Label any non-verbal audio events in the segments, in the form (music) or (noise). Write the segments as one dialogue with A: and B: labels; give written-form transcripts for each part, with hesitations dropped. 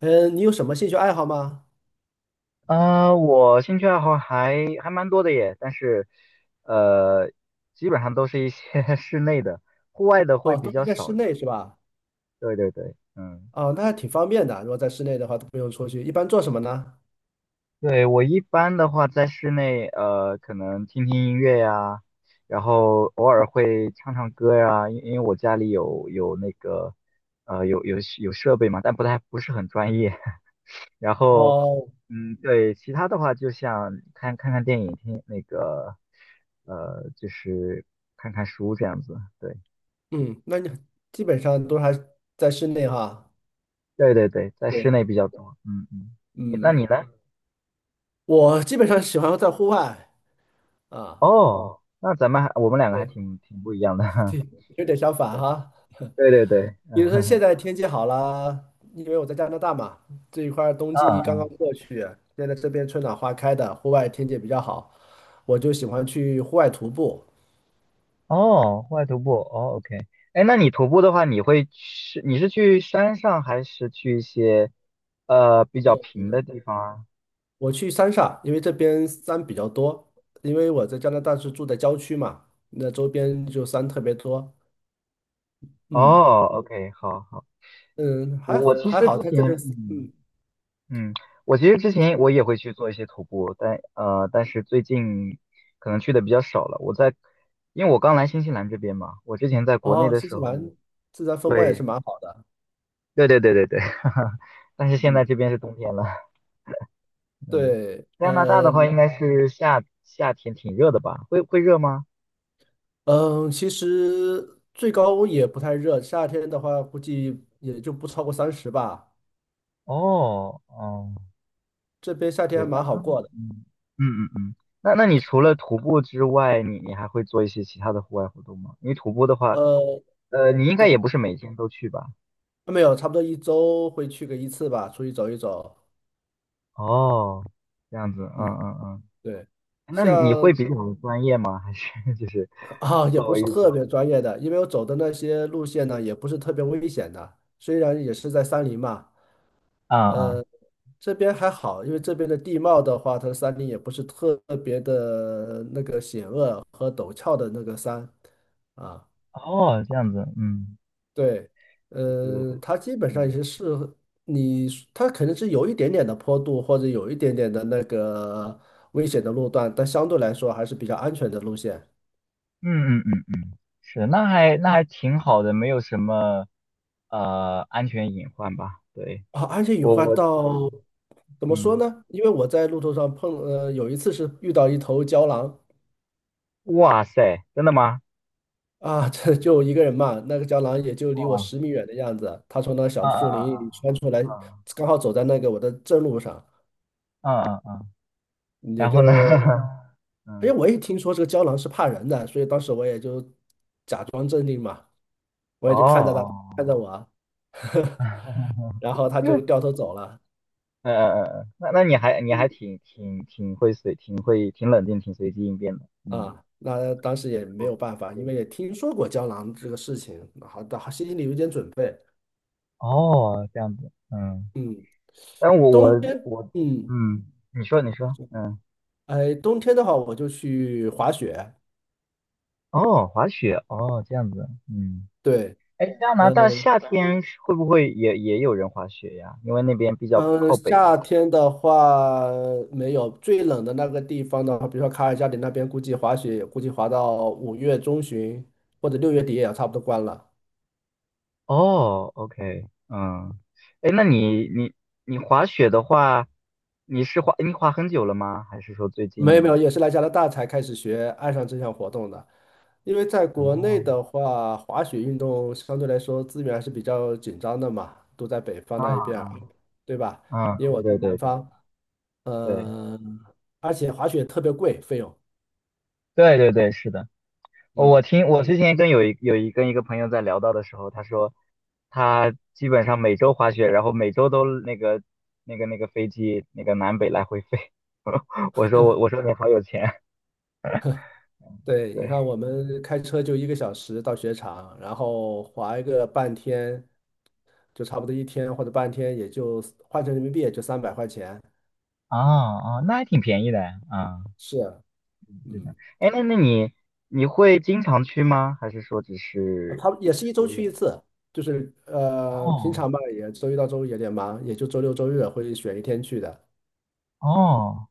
A: 嗯，你有什么兴趣爱好吗？
B: 我兴趣爱好还蛮多的耶，但是，呃，基本上都是一些 (laughs) 室内的，户外的会
A: 哦，
B: 比
A: 都
B: 较
A: 是在室
B: 少一些。
A: 内是吧？
B: 对对对，嗯。
A: 哦，那还挺方便的。如果在室内的话，都不用出去。一般做什么呢？
B: 对，我一般的话在室内，可能听听音乐呀，然后偶尔会唱唱歌呀，因为我家里有那个，有设备嘛，但不是很专业。(laughs) 然后，
A: 哦，
B: 嗯，对，其他的话就像看看电影，听那个，就是看看书这样子。对，
A: 嗯，那你基本上都还在室内哈。
B: 对对对，在
A: 对，
B: 室内比较多。嗯嗯。那你
A: 嗯，
B: 呢？
A: 我基本上喜欢在户外啊，
B: 哦，那咱们还我们两个还
A: 对，
B: 挺不一样的。
A: 有点相反哈。
B: (laughs)
A: (laughs)
B: 对对对，
A: 比如说现
B: 嗯。
A: 在天气好了，因为我在加拿大嘛，这一块儿冬
B: (laughs)
A: 季刚刚
B: 啊，
A: 过去，现在这边春暖花开的，户外天气比较好，我就喜欢去户外徒步。
B: 哦，户外徒步，哦，OK。哎，那你徒步的话，你是去山上还是去一些比较平的地方啊？
A: 我去三亚，因为这边山比较多，因为我在加拿大是住在郊区嘛，那周边就山特别多。嗯
B: 哦，OK，好好。
A: 嗯，
B: 我
A: 还
B: 我
A: 好
B: 其
A: 还
B: 实
A: 好，
B: 之
A: 它这边
B: 前，
A: 是
B: 嗯嗯，我其实之前我也会去做一些徒步，但是最近可能去的比较少了。因为我刚来新西兰这边嘛，我之前在国内
A: 哦，
B: 的
A: 新西
B: 时候，
A: 兰自然风光也是
B: 对
A: 蛮好的。
B: 对对对对对，(laughs) 哈哈。但是现在
A: 嗯，
B: 这边是冬天了，嗯。
A: 对，
B: 加拿大的话应该是夏天挺热的吧？会热吗？
A: 其实最高也不太热，夏天的话估计也就不超过三十吧。
B: 哦哦，
A: 这边夏天还
B: 对吧？
A: 蛮好过的。
B: 嗯嗯嗯嗯。那你除了徒步之外，你还会做一些其他的户外活动吗？因为徒步的话。
A: 呃，
B: 你应该
A: 对，
B: 也不是每天都去吧？
A: 没有，差不多一周会去个一次吧，出去走一走。
B: 哦，这样子，嗯
A: 嗯，
B: 嗯嗯。
A: 对。
B: 那你
A: 像
B: 会比较们专业吗？还是 (laughs) 就是
A: 啊，也
B: 作
A: 不
B: 为
A: 是
B: 一
A: 特
B: 种，
A: 别专业的，因为我走的那些路线呢，也不是特别危险的。虽然也是在山林嘛，
B: 啊啊，
A: 呃，这边还好，因为这边的地貌的话，它的山林也不是特别的那个险恶和陡峭的那个山啊。
B: 哦，这样子，嗯，
A: 对，
B: 对对对，
A: 它基本上也
B: 嗯
A: 是适合你，它可能是有一点点的坡度或者有一点点的那个危险的路段，但相对来说还是比较安全的路线。
B: 嗯嗯嗯。是，那还挺好的，没有什么安全隐患吧？对，
A: 啊，安全隐
B: 我
A: 患
B: 我，
A: 到怎么说
B: 嗯，
A: 呢？因为我在路途上碰，有一次是遇到一头郊狼
B: 哇塞，真的吗？
A: 啊，(laughs) 这就一个人嘛，那个郊狼也就离我
B: 哇，
A: 10米远的样子，它从那
B: 啊
A: 小树
B: 啊
A: 林里
B: 啊
A: 穿出来，
B: 啊
A: 刚好走在那个我的正路上，
B: 啊啊啊啊。
A: 也
B: 然后呢？
A: 就，
B: (laughs)
A: 哎，
B: 嗯，
A: 我也听说这个郊狼是怕人的，所以当时我也就假装镇定嘛，我
B: 哦
A: 也就看着它，看
B: 哦。
A: 着我啊，
B: (laughs) 嗯
A: (laughs)
B: 嗯
A: 然后它就
B: 嗯，
A: 掉头走了。
B: 嗯嗯那你还挺冷静挺随机应变的，嗯。
A: 啊，那当时也没有
B: 不
A: 办法，因为
B: 对，
A: 也听说过胶囊这个事情，好的，好心里有点准备。
B: 哦，这样子，嗯。
A: 嗯，
B: 但我
A: 冬
B: 我
A: 天，
B: 我，嗯，你说你说，嗯，
A: 哎，冬天的话我就去滑雪，
B: 哦，滑雪，哦，这样子，嗯。
A: 对，
B: 哎，加拿大
A: 嗯
B: 夏天是会不会也有人滑雪呀？因为那边比较
A: 嗯，
B: 靠北。
A: 夏天的话没有，最冷的那个地方的话，比如说卡尔加里那边，估计滑雪也估计滑到5月中旬或者6月底也要差不多关了。
B: 哦，OK，嗯。哎，那你滑雪的话，你滑很久了吗？还是说最
A: 没有没
B: 近？
A: 有，也是来加拿大才开始学爱上这项活动的。因为在国内
B: 哦，
A: 的话，滑雪运动相对来说资源还是比较紧张的嘛，都在北方
B: 啊
A: 那一边儿，
B: 啊
A: 对吧？
B: 啊！
A: 因为我
B: 对
A: 在
B: 对对
A: 南
B: 对
A: 方，
B: 对
A: 呃，而且滑雪特别贵，费用。
B: 对对对，是的。
A: 嗯，
B: 我之前跟有一有一跟一个朋友在聊到的时候，他说他基本上每周滑雪，然后每周都那个飞机那个南北来回飞。(laughs) 我说你好有钱，
A: 对，你
B: 对。
A: 看我们开车就1个小时到雪场，然后滑一个半天，就差不多一天或者半天，也就换成人民币也就300块钱。
B: 哦哦，那还挺便宜的啊，
A: 是啊，
B: 是的。
A: 嗯。
B: 哎，那你会经常去吗？还是说只
A: 啊
B: 是
A: 他也是一
B: 偶
A: 周去一
B: 尔？
A: 次，就是平
B: 哦
A: 常吧，也周一到周五有点忙，也就周六周日会选一天去的。
B: 哦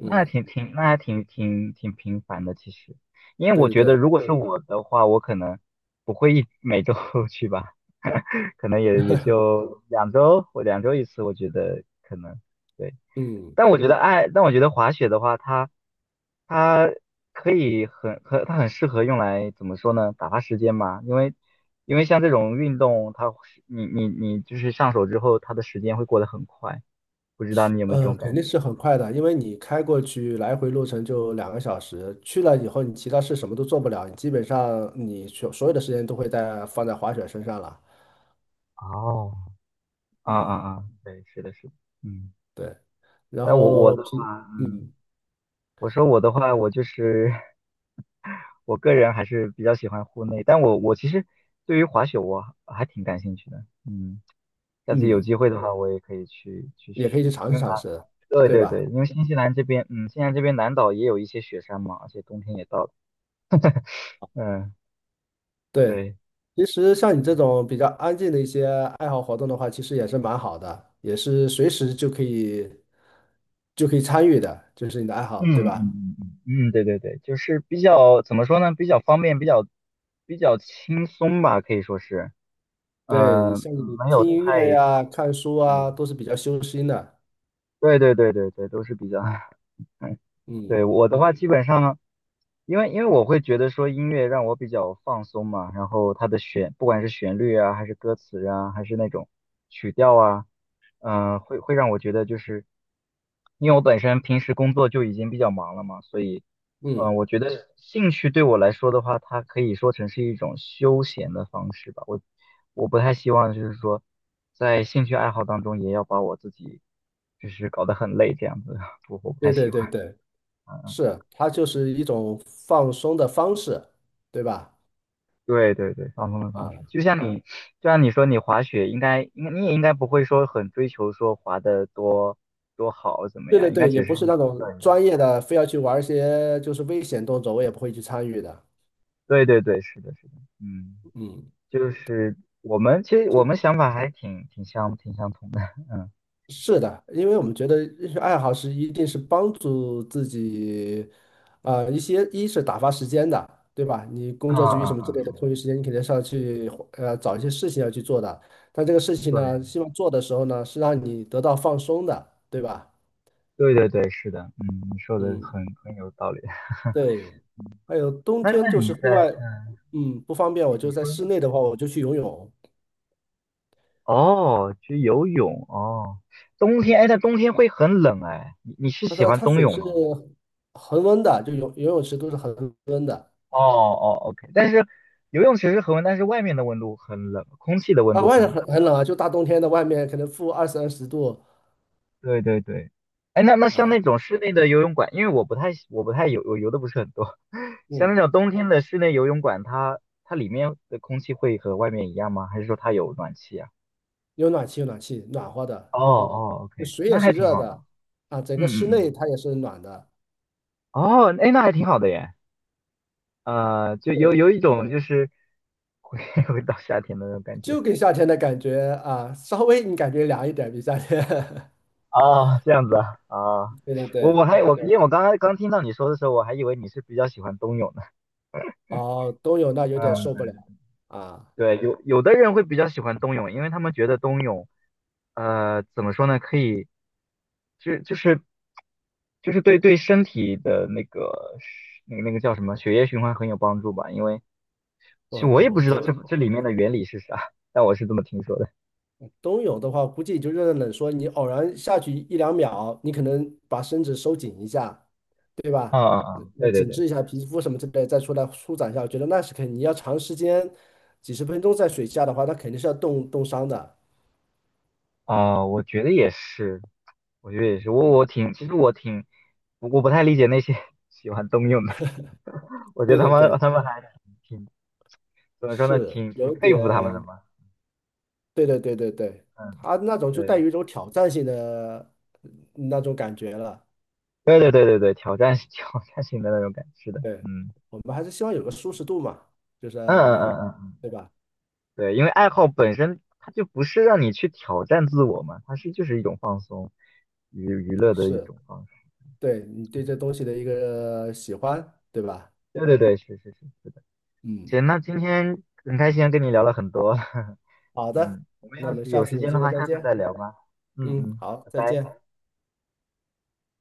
B: 那还挺频繁的，其实。因为
A: 对
B: 我
A: 对
B: 觉得
A: 对，
B: 如果是对我的话，我可能不会每周 (laughs) 去吧，可能也就两周或两周一次，我觉得可能对。
A: 嗯，
B: 但我觉得滑雪的话，它可以很很，它很适合用来怎么说呢？打发时间嘛。因为像这种运动，它是你就是上手之后，它的时间会过得很快，不知道你有没有这种
A: 肯
B: 感
A: 定
B: 觉？
A: 是很快的，因为你开过去来回路程就2个小时，去了以后你其他事什么都做不了，你基本上你所有的时间都会在放在滑雪身上了。
B: 哦，啊啊
A: 嗯，
B: 啊，对，是的，是的，嗯。
A: 对，然
B: 但我我
A: 后
B: 的
A: 平，
B: 话，嗯，
A: 嗯
B: 我说我的话，我就是 (laughs) 我个人还是比较喜欢户内。但我其实对于滑雪我还挺感兴趣的，嗯。下次有
A: 嗯，
B: 机会的话，我也可以去
A: 也可以去
B: 试，
A: 尝
B: 因
A: 试
B: 为
A: 尝
B: 啊，
A: 试，
B: 对
A: 对
B: 对
A: 吧？
B: 对。因为新西兰这边，嗯，新西兰这边南岛也有一些雪山嘛，而且冬天也到了，嗯，
A: 对，
B: 对。
A: 其实像你这种比较安静的一些爱好活动的话，其实也是蛮好的，也是随时就可以参与的，就是你的爱好，
B: 嗯
A: 对
B: 嗯
A: 吧？
B: 嗯嗯，嗯，对对对，就是比较怎么说呢，比较方便，比较轻松吧，可以说是。
A: 对，
B: 嗯，
A: 像你
B: 没有
A: 听音乐
B: 太，
A: 呀、看书
B: 嗯
A: 啊，都是比较修心的。
B: 对对对对对，都是比较，(laughs) 嗯，对，
A: 嗯
B: 我的话基本上，因为我会觉得说音乐让我比较放松嘛，然后它的旋，不管是旋律啊，还是歌词啊，还是那种曲调啊，会让我觉得就是，因为我本身平时工作就已经比较忙了嘛，所以
A: 嗯，
B: 我觉得兴趣对我来说的话，它可以说成是一种休闲的方式吧。我不太希望就是说，在兴趣爱好当中也要把我自己就是搞得很累这样子，(laughs) 我不太
A: 对对
B: 喜
A: 对
B: 欢。
A: 对，是，它就是一种放松的方式，对吧？
B: 对对对，放松的
A: 啊，
B: 方式，就像你说你滑雪应该你也应该不会说很追求说滑的多好怎么
A: 对
B: 样，
A: 对
B: 应该
A: 对，也
B: 只
A: 不
B: 是
A: 是
B: 一
A: 那
B: 种。
A: 种专业的，非要去玩一些就是危险动作，我也不会去参与的。
B: 对对对，是的，是的，嗯。
A: 嗯。
B: 就是我们想法还挺挺相挺相同的，(laughs) 嗯。
A: 是的，因为我们觉得兴趣爱好是一定是帮助自己，啊、一些一是打发时间的，对吧？你
B: 啊
A: 工作之余
B: 啊
A: 什么之类的
B: 啊！
A: 空余时间，你肯定是要去找一些事情要去做的。但这个事情呢，
B: 对
A: 希望做的时候呢，是让你得到放松的，对吧？
B: 对对对，是的，嗯，你说的
A: 嗯，
B: 很有道理。(laughs)
A: 对，还有冬
B: 那
A: 天
B: 那
A: 就
B: 你
A: 是
B: 在
A: 户外，
B: 呃，
A: 不方便，
B: 你
A: 我就在
B: 说
A: 室内的话，我就去游泳。
B: 哦，去游泳哦。冬天哎，但冬天会很冷哎，你是
A: 那
B: 喜
A: 它
B: 欢
A: 它
B: 冬
A: 水
B: 泳
A: 是
B: 吗？
A: 恒温的，就游泳池都是恒温的。
B: 哦哦，OK。但是游泳池是恒温，但是外面的温度很冷，空气的温
A: 啊，
B: 度
A: 外面
B: 很，
A: 很冷啊，就大冬天的，外面可能负二三十度
B: 对对对。哎，那像
A: 啊，
B: 那种室内的游泳馆，因为我不太我不太游我游的不是很多，(laughs) 像
A: 嗯，
B: 那种冬天的室内游泳馆，它里面的空气会和外面一样吗？还是说它有暖气啊？
A: 有暖气，有暖气，暖和的，
B: 哦哦，OK，
A: 水也
B: 那还
A: 是
B: 挺
A: 热
B: 好的。
A: 的啊，整个
B: 嗯嗯
A: 室内
B: 嗯，
A: 它也是暖的，
B: 哦，哎，那还挺好的耶。就有
A: 对，
B: 一种就是回 (laughs) 回到夏天的那种感觉。
A: 就给夏天的感觉啊，稍微你感觉凉一点比夏天，
B: 哦，这样子啊，啊。
A: (laughs) 对对
B: 我
A: 对，
B: 我还我因为我刚刚听到你说的时候，我还以为你是比较喜欢冬泳的。
A: 哦，冬泳那有点受不
B: 嗯，
A: 了啊，
B: 对，有的人会比较喜欢冬泳，因为他们觉得冬泳，怎么说呢，可以就就是就是对身体的那个叫什么血液循环很有帮助吧，因为其实
A: 我
B: 我也不
A: 我
B: 知
A: 觉
B: 道这
A: 得
B: 这里面的原理是啥，但我是这么听说的。
A: 冬泳的话，估计也就热热冷说，你偶然下去一两秒，你可能把身子收紧一下，对
B: 啊
A: 吧？
B: 啊啊！对对
A: 紧
B: 对，
A: 致一下皮肤什么之类，再出来舒展一下，我觉得那是肯定。你要长时间几十分钟在水下的话，那肯定是要冻伤的。
B: 啊，我觉得也是，我觉得也是，我
A: 嗯，
B: 我挺，其实我挺，我不太理解那些 (laughs) 喜欢冬泳的，我觉
A: 对
B: 得他
A: 对
B: 们
A: 对，
B: 他们还挺怎么说呢，
A: 是
B: 挺
A: 有
B: 佩服他们的
A: 点，
B: 嘛。
A: 对对对对对，
B: 嗯，
A: 它那种就带
B: 对，
A: 有一种挑战性的那种感觉了。
B: 对对对对对，(laughs) 挑战性的那种感觉，是的。
A: 对，我们还是希望有个舒适度嘛，就是
B: 嗯嗯嗯嗯嗯，
A: 对
B: 嗯
A: 吧？
B: 对，因为爱好本身它就不是让你去挑战自我嘛，它是就是一种放松，娱乐的一
A: 是，
B: 种方式。
A: 对你对这东西的一个喜欢，对吧？
B: 对对对，是是是。
A: 嗯，
B: 行，那今天很开心跟你聊了很多，(laughs)
A: 好的，
B: 嗯，我们
A: 那我
B: 要
A: 们
B: 是
A: 下
B: 有
A: 次
B: 时
A: 有
B: 间
A: 机
B: 的
A: 会
B: 话，
A: 再
B: 下次
A: 见。
B: 再聊吧。嗯
A: 嗯，
B: 嗯，
A: 好，
B: 拜
A: 再
B: 拜。
A: 见。